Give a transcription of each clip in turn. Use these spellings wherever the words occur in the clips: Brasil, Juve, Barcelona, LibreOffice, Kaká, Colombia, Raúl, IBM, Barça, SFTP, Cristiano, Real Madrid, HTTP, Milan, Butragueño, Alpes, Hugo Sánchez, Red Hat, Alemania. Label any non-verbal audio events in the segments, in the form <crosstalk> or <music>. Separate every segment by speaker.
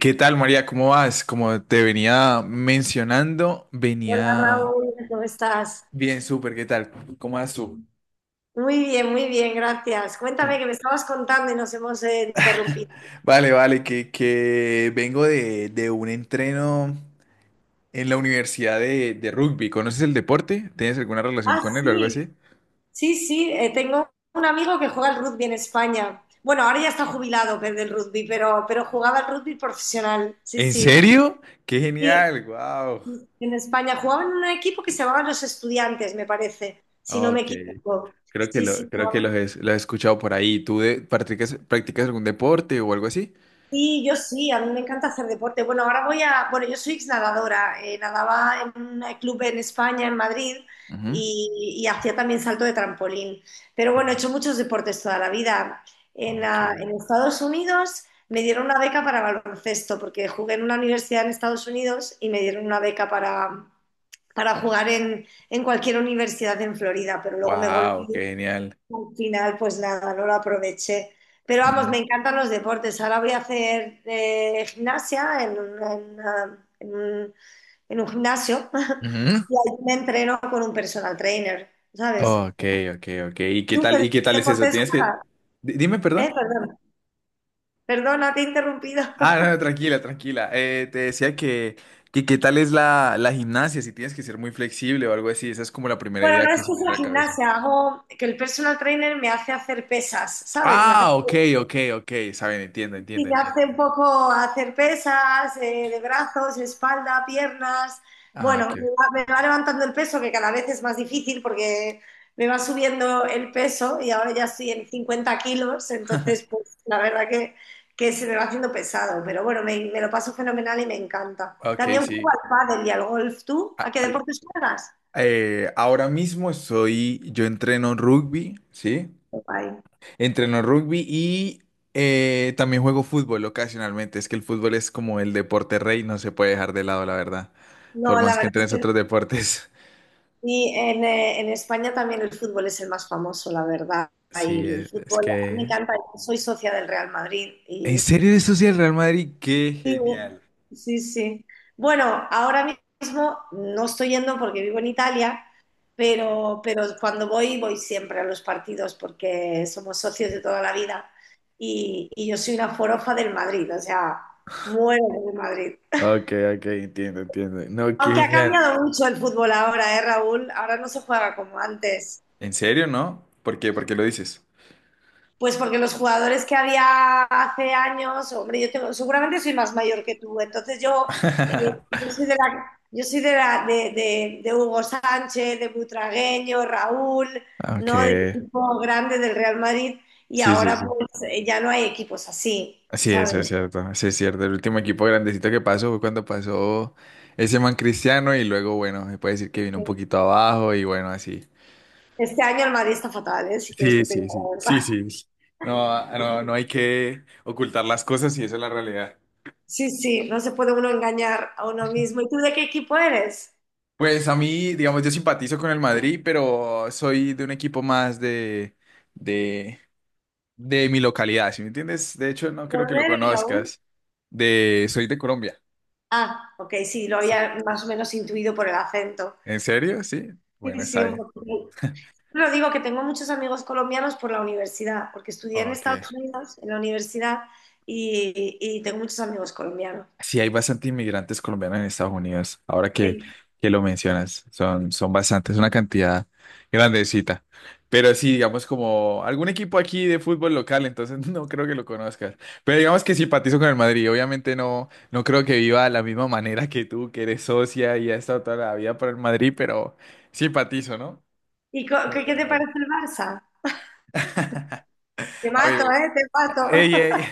Speaker 1: ¿Qué tal, María? ¿Cómo vas? Como te venía mencionando,
Speaker 2: Hola
Speaker 1: venía
Speaker 2: Raúl, ¿cómo estás?
Speaker 1: bien, súper. ¿Qué tal? ¿Cómo vas tú?
Speaker 2: Muy bien, gracias. Cuéntame
Speaker 1: Oh,
Speaker 2: que me estabas contando y nos hemos interrumpido.
Speaker 1: vale, vale, que vengo de un entreno en la universidad de rugby. ¿Conoces el deporte? ¿Tienes alguna relación
Speaker 2: Ah,
Speaker 1: con él o algo así?
Speaker 2: sí, sí, sí, tengo un amigo que juega al rugby en España. Bueno, ahora ya está jubilado pero del rugby, pero jugaba al rugby profesional, sí,
Speaker 1: ¿En
Speaker 2: sí.
Speaker 1: serio? ¡Qué
Speaker 2: Sí,
Speaker 1: genial! ¡Wow!
Speaker 2: sí, en España jugaba en un equipo que se llamaba Los Estudiantes, me parece, si no me
Speaker 1: Ok,
Speaker 2: equivoco.
Speaker 1: creo que,
Speaker 2: Sí,
Speaker 1: lo,
Speaker 2: sí.
Speaker 1: creo que los he escuchado por ahí. ¿Tú practicas, practicas algún deporte o algo así?
Speaker 2: Sí, yo sí, a mí me encanta hacer deporte. Bueno, yo soy ex nadadora, nadaba en un club en España, en Madrid,
Speaker 1: Ujú.
Speaker 2: y, hacía también salto de trampolín. Pero bueno, he hecho muchos deportes toda la vida.
Speaker 1: Ok.
Speaker 2: En Estados Unidos me dieron una beca para baloncesto, porque jugué en una universidad en Estados Unidos y me dieron una beca para jugar en cualquier universidad en Florida, pero luego me volví
Speaker 1: Wow, qué genial.
Speaker 2: al final, pues nada, no lo aproveché. Pero vamos,
Speaker 1: No.
Speaker 2: me encantan los deportes. Ahora voy a hacer gimnasia en, un- en una- en un gimnasio <laughs>
Speaker 1: Ujú.
Speaker 2: y ahí me entreno con un personal trainer, ¿sabes?
Speaker 1: Ok, ok, ok.
Speaker 2: ¿Tú
Speaker 1: Y
Speaker 2: qué
Speaker 1: qué tal es eso?
Speaker 2: deportes
Speaker 1: Tienes que...
Speaker 2: juegas?
Speaker 1: Dime, perdón.
Speaker 2: Perdón, perdona, te he interrumpido.
Speaker 1: Ah, no,
Speaker 2: <laughs>
Speaker 1: no, tranquila, tranquila. Te decía que qué tal es la gimnasia, si tienes que ser muy flexible o algo así. Esa es como la primera
Speaker 2: Bueno,
Speaker 1: idea
Speaker 2: no
Speaker 1: que
Speaker 2: es
Speaker 1: se
Speaker 2: que
Speaker 1: me viene a
Speaker 2: sea
Speaker 1: la cabeza.
Speaker 2: gimnasia, hago que el personal trainer me hace hacer pesas, ¿sabes? Me hace.
Speaker 1: Ah, ok, ok, ok. Saben, entiendo, entiendo,
Speaker 2: Y
Speaker 1: entiendo.
Speaker 2: hace un poco hacer pesas de brazos, espalda, piernas.
Speaker 1: Ah,
Speaker 2: Bueno,
Speaker 1: ok.
Speaker 2: me va levantando el peso, que cada vez es más difícil porque me va subiendo el peso y ahora ya estoy en 50 kilos, entonces pues la verdad que se me va haciendo pesado, pero bueno, me, lo paso fenomenal y me encanta.
Speaker 1: Ok,
Speaker 2: También juego
Speaker 1: sí.
Speaker 2: al pádel y al golf. ¿Tú?
Speaker 1: A-
Speaker 2: ¿A qué
Speaker 1: a-
Speaker 2: deportes juegas?
Speaker 1: Ahora mismo estoy, yo entreno rugby, ¿sí?
Speaker 2: Guay.
Speaker 1: Entreno rugby y también juego fútbol ocasionalmente. Es que el fútbol es como el deporte rey, no se puede dejar de lado, la verdad. Por
Speaker 2: No, la
Speaker 1: más que
Speaker 2: verdad es
Speaker 1: entrenes otros
Speaker 2: que.
Speaker 1: deportes. <laughs>
Speaker 2: Y en España también el fútbol es el más famoso, la verdad.
Speaker 1: Sí,
Speaker 2: Y el
Speaker 1: es
Speaker 2: fútbol, a mí me
Speaker 1: que...
Speaker 2: encanta, yo soy socia del Real Madrid.
Speaker 1: ¿En
Speaker 2: Y
Speaker 1: serio eres socio del Real Madrid? ¡Qué
Speaker 2: sí,
Speaker 1: genial!
Speaker 2: sí, sí. Bueno, ahora mismo no estoy yendo porque vivo en Italia,
Speaker 1: Ok,
Speaker 2: pero cuando voy, voy siempre a los partidos porque somos socios de toda la vida. Y, yo soy una forofa del Madrid, o sea, muero del Madrid.
Speaker 1: ok, ok, entiendo, entiendo. No, qué
Speaker 2: Aunque ha
Speaker 1: genial.
Speaker 2: cambiado mucho el fútbol ahora, ¿eh, Raúl? Ahora no se juega como antes.
Speaker 1: ¿En serio, no? ¿Por qué? ¿Por qué lo dices?
Speaker 2: Pues porque los jugadores que había hace años, hombre, yo tengo, seguramente soy más mayor que tú, entonces yo,
Speaker 1: <laughs>
Speaker 2: yo soy de la, de Hugo Sánchez, de Butragueño, Raúl,
Speaker 1: Ok,
Speaker 2: ¿no? Del equipo grande del Real Madrid y
Speaker 1: sí, sí,
Speaker 2: ahora
Speaker 1: sí.
Speaker 2: pues ya no hay equipos así,
Speaker 1: Sí,
Speaker 2: ¿sabes?
Speaker 1: eso es cierto, sí es cierto. El último equipo grandecito que pasó fue cuando pasó ese man Cristiano y luego, bueno, se puede decir que vino un poquito abajo y bueno, así.
Speaker 2: Este año el Madrid está fatal, ¿eh? Si quieres
Speaker 1: Sí,
Speaker 2: que te diga
Speaker 1: sí, sí,
Speaker 2: la
Speaker 1: sí,
Speaker 2: verdad.
Speaker 1: sí. No, no, no hay que ocultar las cosas y esa es la realidad.
Speaker 2: Sí, sí, no se puede uno engañar a uno mismo. ¿Y tú de qué equipo eres?
Speaker 1: Pues a mí, digamos, yo simpatizo con el Madrid, pero soy de un equipo más de, de, de mi localidad, ¿sí me entiendes? De hecho, no
Speaker 2: ¿De
Speaker 1: creo que lo
Speaker 2: dónde eres, Raúl?
Speaker 1: conozcas. De, soy de Colombia.
Speaker 2: Ah, ok, sí, lo
Speaker 1: Sí.
Speaker 2: había más o menos intuido por el acento.
Speaker 1: ¿En serio? Sí.
Speaker 2: Sí,
Speaker 1: Bueno,
Speaker 2: sí,
Speaker 1: está
Speaker 2: un
Speaker 1: bien.
Speaker 2: poco. Pero digo que tengo muchos amigos colombianos por la universidad, porque estudié en
Speaker 1: Ok.
Speaker 2: Estados Unidos, en la universidad, y, tengo muchos amigos colombianos.
Speaker 1: Sí, hay bastante inmigrantes colombianos en Estados Unidos, ahora
Speaker 2: Sí.
Speaker 1: que lo mencionas, son, son bastantes, una cantidad grandecita. Pero sí, digamos como algún equipo aquí de fútbol local, entonces <laughs> no creo que lo conozcas. Pero digamos que simpatizo con el Madrid, obviamente no, no creo que viva de la misma manera que tú, que eres socia y has estado toda la vida por el Madrid, pero simpatizo, ¿no? Con el
Speaker 2: ¿Qué,
Speaker 1: Real
Speaker 2: te
Speaker 1: Madrid.
Speaker 2: parece el Barça? Te
Speaker 1: A
Speaker 2: mato,
Speaker 1: ver,
Speaker 2: ¿eh? Te
Speaker 1: ey,
Speaker 2: mato.
Speaker 1: ey.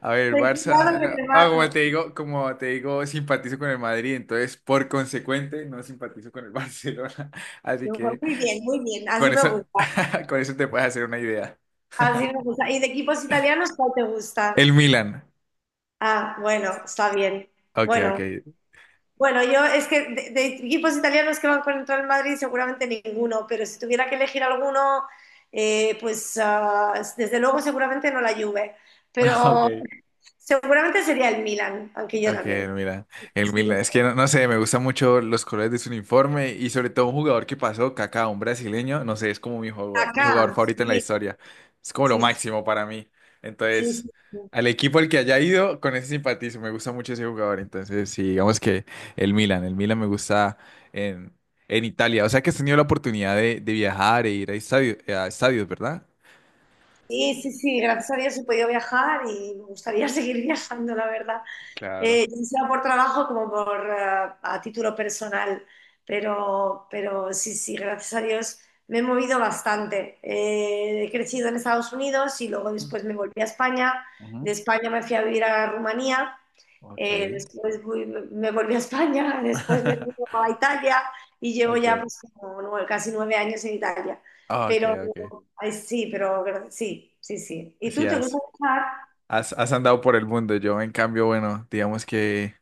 Speaker 1: A ver,
Speaker 2: <laughs>
Speaker 1: el
Speaker 2: Ten
Speaker 1: Barça,
Speaker 2: cuidado
Speaker 1: no.
Speaker 2: que te
Speaker 1: Ah,
Speaker 2: mato.
Speaker 1: como te digo, simpatizo con el Madrid, entonces por consecuente no simpatizo con el Barcelona. <laughs> Así
Speaker 2: Yo,
Speaker 1: que
Speaker 2: muy bien, así
Speaker 1: con
Speaker 2: me
Speaker 1: eso,
Speaker 2: gusta,
Speaker 1: <laughs> con eso te puedes hacer una idea.
Speaker 2: así me gusta. ¿Y de equipos italianos cuál te gusta?
Speaker 1: El Milan.
Speaker 2: Ah, bueno, está bien.
Speaker 1: Ok,
Speaker 2: Bueno.
Speaker 1: ok.
Speaker 2: Bueno, yo es que de equipos italianos que van contra el Madrid seguramente ninguno, pero si tuviera que elegir alguno, desde luego seguramente no la Juve,
Speaker 1: <laughs> Ok.
Speaker 2: pero seguramente sería el Milan, aunque yo
Speaker 1: Ok,
Speaker 2: también.
Speaker 1: mira, el
Speaker 2: Sí,
Speaker 1: Milan. Es que no, no sé, me gustan mucho los colores de su uniforme y sobre todo un jugador que pasó, Kaká, un brasileño, no sé, es como mi jugador
Speaker 2: acá,
Speaker 1: favorito en la
Speaker 2: sí,
Speaker 1: historia. Es como lo
Speaker 2: sí,
Speaker 1: máximo para mí.
Speaker 2: sí,
Speaker 1: Entonces,
Speaker 2: sí,
Speaker 1: al equipo al que haya ido, con ese simpatizo, me gusta mucho ese jugador. Entonces, sí, digamos que el Milan me gusta en, en Italia. O sea que has tenido la oportunidad de viajar e ir a a estadios, ¿verdad?
Speaker 2: sí, sí, sí, gracias a Dios he podido viajar y me gustaría <laughs> seguir viajando, la verdad.
Speaker 1: Claro.
Speaker 2: Ya sea por trabajo como por a título personal, pero sí, sí, gracias a Dios me he movido bastante. He crecido en Estados Unidos y luego después me volví a España. De
Speaker 1: Ujú.
Speaker 2: España me fui a vivir a Rumanía,
Speaker 1: Ok.
Speaker 2: después me volví a España, <laughs> después me fui
Speaker 1: <laughs>
Speaker 2: a Italia y llevo ya
Speaker 1: Okay.
Speaker 2: pues, casi 9 años en Italia.
Speaker 1: Okay,
Speaker 2: Pero
Speaker 1: okay.
Speaker 2: ay, sí, sí, sí, sí. ¿Y
Speaker 1: Sí,
Speaker 2: tú te gusta
Speaker 1: has,
Speaker 2: viajar?
Speaker 1: has andado por el mundo. Yo, en cambio, bueno, digamos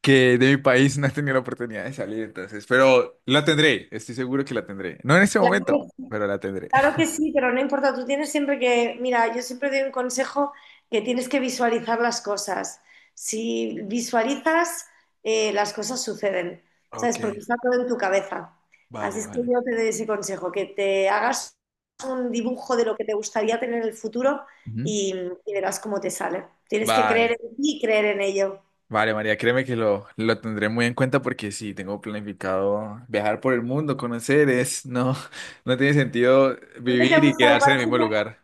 Speaker 1: que de mi país <laughs> no he tenido la oportunidad de salir, entonces, pero la tendré, estoy seguro que la tendré. No en este
Speaker 2: Claro,
Speaker 1: momento, pero la tendré.
Speaker 2: claro que
Speaker 1: <laughs>
Speaker 2: sí, pero no importa, tú tienes siempre que, mira, yo siempre doy un consejo que tienes que visualizar las cosas. Si visualizas, las cosas suceden, ¿sabes?
Speaker 1: Ok,
Speaker 2: Porque está todo en tu cabeza. Así
Speaker 1: vale,
Speaker 2: es que
Speaker 1: vale.
Speaker 2: yo te doy ese consejo, que te hagas un dibujo de lo que te gustaría tener en el futuro
Speaker 1: Ujú.
Speaker 2: y, verás cómo te sale. Tienes que creer
Speaker 1: Vale,
Speaker 2: en ti y creer en ello.
Speaker 1: vale, María, créeme que lo tendré muy en cuenta porque sí, tengo planificado viajar por el mundo, conocer, es, no, <laughs> no tiene sentido
Speaker 2: ¿Dónde te
Speaker 1: vivir y
Speaker 2: gusta?
Speaker 1: quedarse en el mismo lugar.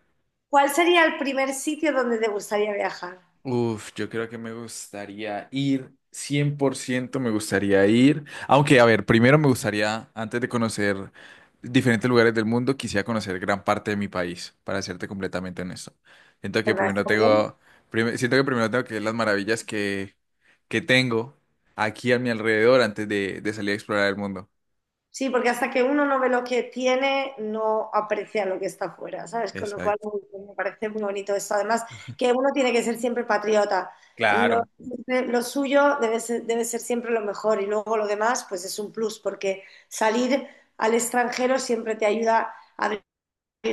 Speaker 2: ¿Cuál sería el primer sitio donde te gustaría viajar?
Speaker 1: Uf, yo creo que me gustaría ir, 100% me gustaría ir, aunque a ver, primero me gustaría, antes de conocer diferentes lugares del mundo, quisiera conocer gran parte de mi país, para serte completamente honesto. Siento que
Speaker 2: ¿Verdad?
Speaker 1: primero
Speaker 2: ¿Está bien?
Speaker 1: tengo, siento que primero tengo que ver las maravillas que tengo aquí a mi alrededor antes de salir a explorar el mundo.
Speaker 2: Sí, porque hasta que uno no ve lo que tiene, no aprecia lo que está afuera, ¿sabes? Con lo cual
Speaker 1: Exacto.
Speaker 2: me parece muy bonito eso. Además, que uno tiene que ser siempre patriota. Lo,
Speaker 1: Claro.
Speaker 2: suyo debe ser siempre lo mejor y luego lo demás, pues es un plus, porque salir al extranjero siempre te ayuda a abrir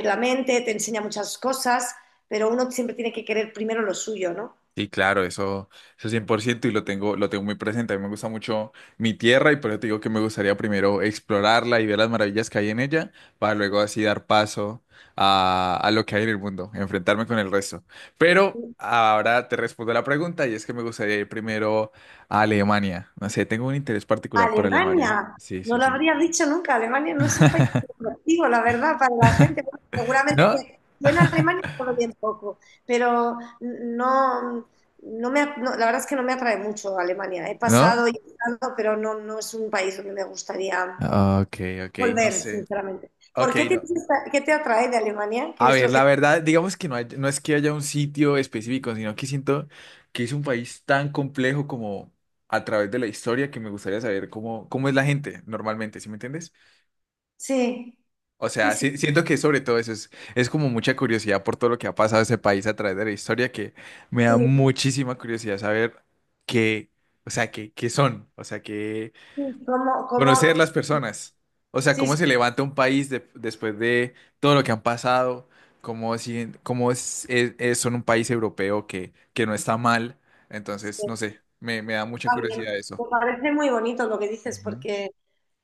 Speaker 2: la mente, te enseña muchas cosas, pero uno siempre tiene que querer primero lo suyo, ¿no?
Speaker 1: Sí, claro, eso 100% y lo tengo muy presente. A mí me gusta mucho mi tierra y por eso te digo que me gustaría primero explorarla y ver las maravillas que hay en ella para luego así dar paso a lo que hay en el mundo, enfrentarme con el resto. Pero ahora te respondo la pregunta y es que me gustaría ir primero a Alemania. No sé, tengo un interés particular por Alemania.
Speaker 2: Alemania,
Speaker 1: Sí,
Speaker 2: no
Speaker 1: sí,
Speaker 2: lo
Speaker 1: sí.
Speaker 2: habría dicho nunca. Alemania no es un país muy atractivo, la verdad, para la gente. Bueno, seguramente
Speaker 1: ¿No?
Speaker 2: que yo en
Speaker 1: <laughs>
Speaker 2: Alemania solo bien poco, pero no, la verdad es que no me atrae mucho Alemania. He
Speaker 1: ¿No?
Speaker 2: pasado y he estado, pero no, no es un país donde me gustaría
Speaker 1: Ok, ok, no
Speaker 2: volver,
Speaker 1: sé.
Speaker 2: sinceramente. ¿Por
Speaker 1: Ok,
Speaker 2: qué
Speaker 1: no.
Speaker 2: tienes esta- ¿Qué te atrae de Alemania? ¿Qué
Speaker 1: A
Speaker 2: es
Speaker 1: ver,
Speaker 2: lo
Speaker 1: la
Speaker 2: que...
Speaker 1: verdad, digamos que no es que haya un sitio específico, sino que siento que es un país tan complejo como a través de la historia que me gustaría saber cómo, cómo es la gente normalmente, ¿sí me entiendes?
Speaker 2: Sí,
Speaker 1: O
Speaker 2: sí,
Speaker 1: sea,
Speaker 2: sí,
Speaker 1: siento que sobre todo eso es como mucha curiosidad por todo lo que ha pasado ese país a través de la historia que me da
Speaker 2: sí.
Speaker 1: muchísima curiosidad saber qué, o sea, qué, qué son, o sea, qué,
Speaker 2: Sí. ¿Cómo,
Speaker 1: conocer
Speaker 2: cómo...
Speaker 1: las personas. O sea,
Speaker 2: Sí,
Speaker 1: cómo
Speaker 2: sí,
Speaker 1: se levanta un país después de todo lo que han pasado, cómo, cómo es, son un país europeo que no está mal. Entonces, no
Speaker 2: sí.
Speaker 1: sé, me da mucha
Speaker 2: Está bien.
Speaker 1: curiosidad eso.
Speaker 2: Me parece muy bonito lo que dices,
Speaker 1: Ujú,
Speaker 2: porque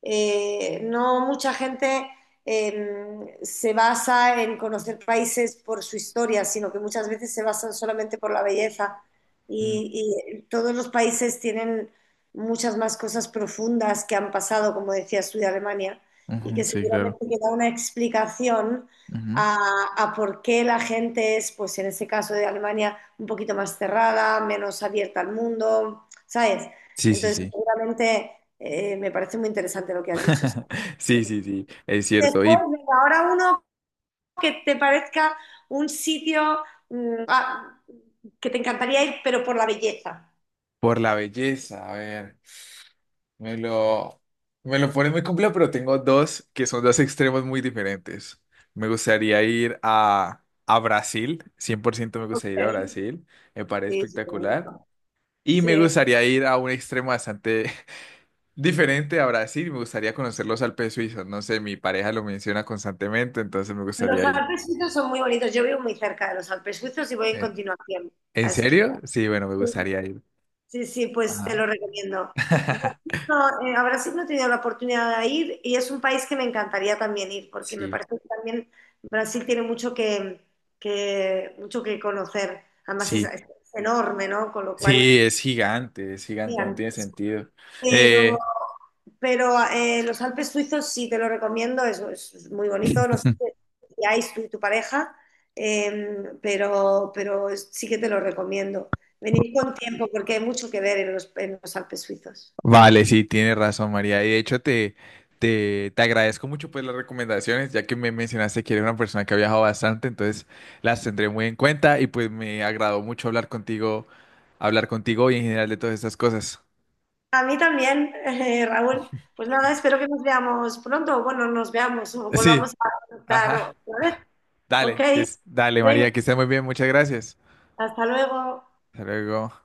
Speaker 2: no mucha gente se basa en conocer países por su historia, sino que muchas veces se basan solamente por la belleza. Y, todos los países tienen muchas más cosas profundas que han pasado, como decías tú, de Alemania, y
Speaker 1: ujú, ujú,
Speaker 2: que
Speaker 1: sí, claro.
Speaker 2: seguramente que da una explicación
Speaker 1: Ujú.
Speaker 2: a, por qué la gente es, pues en ese caso de Alemania, un poquito más cerrada, menos abierta al mundo, ¿sabes?
Speaker 1: Sí, sí,
Speaker 2: Entonces,
Speaker 1: sí.
Speaker 2: seguramente me parece muy interesante lo que has dicho. Sí.
Speaker 1: <laughs> Sí, sí, sí, es cierto.
Speaker 2: Después,
Speaker 1: Y
Speaker 2: venga, ahora uno que te parezca un sitio mm, ah, que te encantaría ir, pero por la belleza.
Speaker 1: por la belleza, a ver. Me lo, me lo pone muy complejo, pero tengo dos que son dos extremos muy diferentes. Me gustaría ir a Brasil, 100% me gustaría
Speaker 2: Ok.
Speaker 1: ir a Brasil, me parece
Speaker 2: Sí, sí, qué
Speaker 1: espectacular.
Speaker 2: bonito.
Speaker 1: Y me
Speaker 2: Sí.
Speaker 1: gustaría ir a un extremo bastante <laughs> diferente a Brasil, me gustaría conocer los Alpes suizos. No sé, mi pareja lo menciona constantemente, entonces me
Speaker 2: Los
Speaker 1: gustaría ir.
Speaker 2: Alpes suizos son muy bonitos. Yo vivo muy cerca de los Alpes suizos y voy en
Speaker 1: Eh,
Speaker 2: continuación
Speaker 1: ¿En
Speaker 2: a esquiar.
Speaker 1: serio? Sí, bueno, me gustaría ir.
Speaker 2: Sí, sí, pues te
Speaker 1: Ajá.
Speaker 2: lo recomiendo.
Speaker 1: <laughs>
Speaker 2: Brasil no, a Brasil no he tenido la oportunidad de ir y es un país que me encantaría también ir, porque me
Speaker 1: Sí,
Speaker 2: parece que también Brasil tiene mucho que, mucho que conocer. Además
Speaker 1: sí,
Speaker 2: es enorme, ¿no? Con lo cual,
Speaker 1: sí, es gigante, no tiene
Speaker 2: gigantesco.
Speaker 1: sentido.
Speaker 2: Pero,
Speaker 1: Eh,
Speaker 2: pero los Alpes suizos sí te lo recomiendo, es muy bonito. No sé
Speaker 1: <laughs>
Speaker 2: si hay tú y tu pareja, pero sí que te lo recomiendo. Venir con tiempo porque hay mucho que ver en los Alpes suizos.
Speaker 1: vale, sí, tienes razón, María. Y de hecho, te agradezco mucho pues las recomendaciones, ya que me mencionaste que eres una persona que ha viajado bastante, entonces las tendré muy en cuenta y pues me agradó mucho hablar contigo y en general de todas estas cosas.
Speaker 2: A mí también, <laughs> Raúl. Pues nada, espero que nos veamos pronto. O bueno, nos veamos o volvamos
Speaker 1: Sí,
Speaker 2: a estar
Speaker 1: ajá.
Speaker 2: otra vez. Ok,
Speaker 1: Dale, que es, dale,
Speaker 2: venga,
Speaker 1: María, que esté muy bien, muchas gracias.
Speaker 2: hasta luego.
Speaker 1: Hasta luego.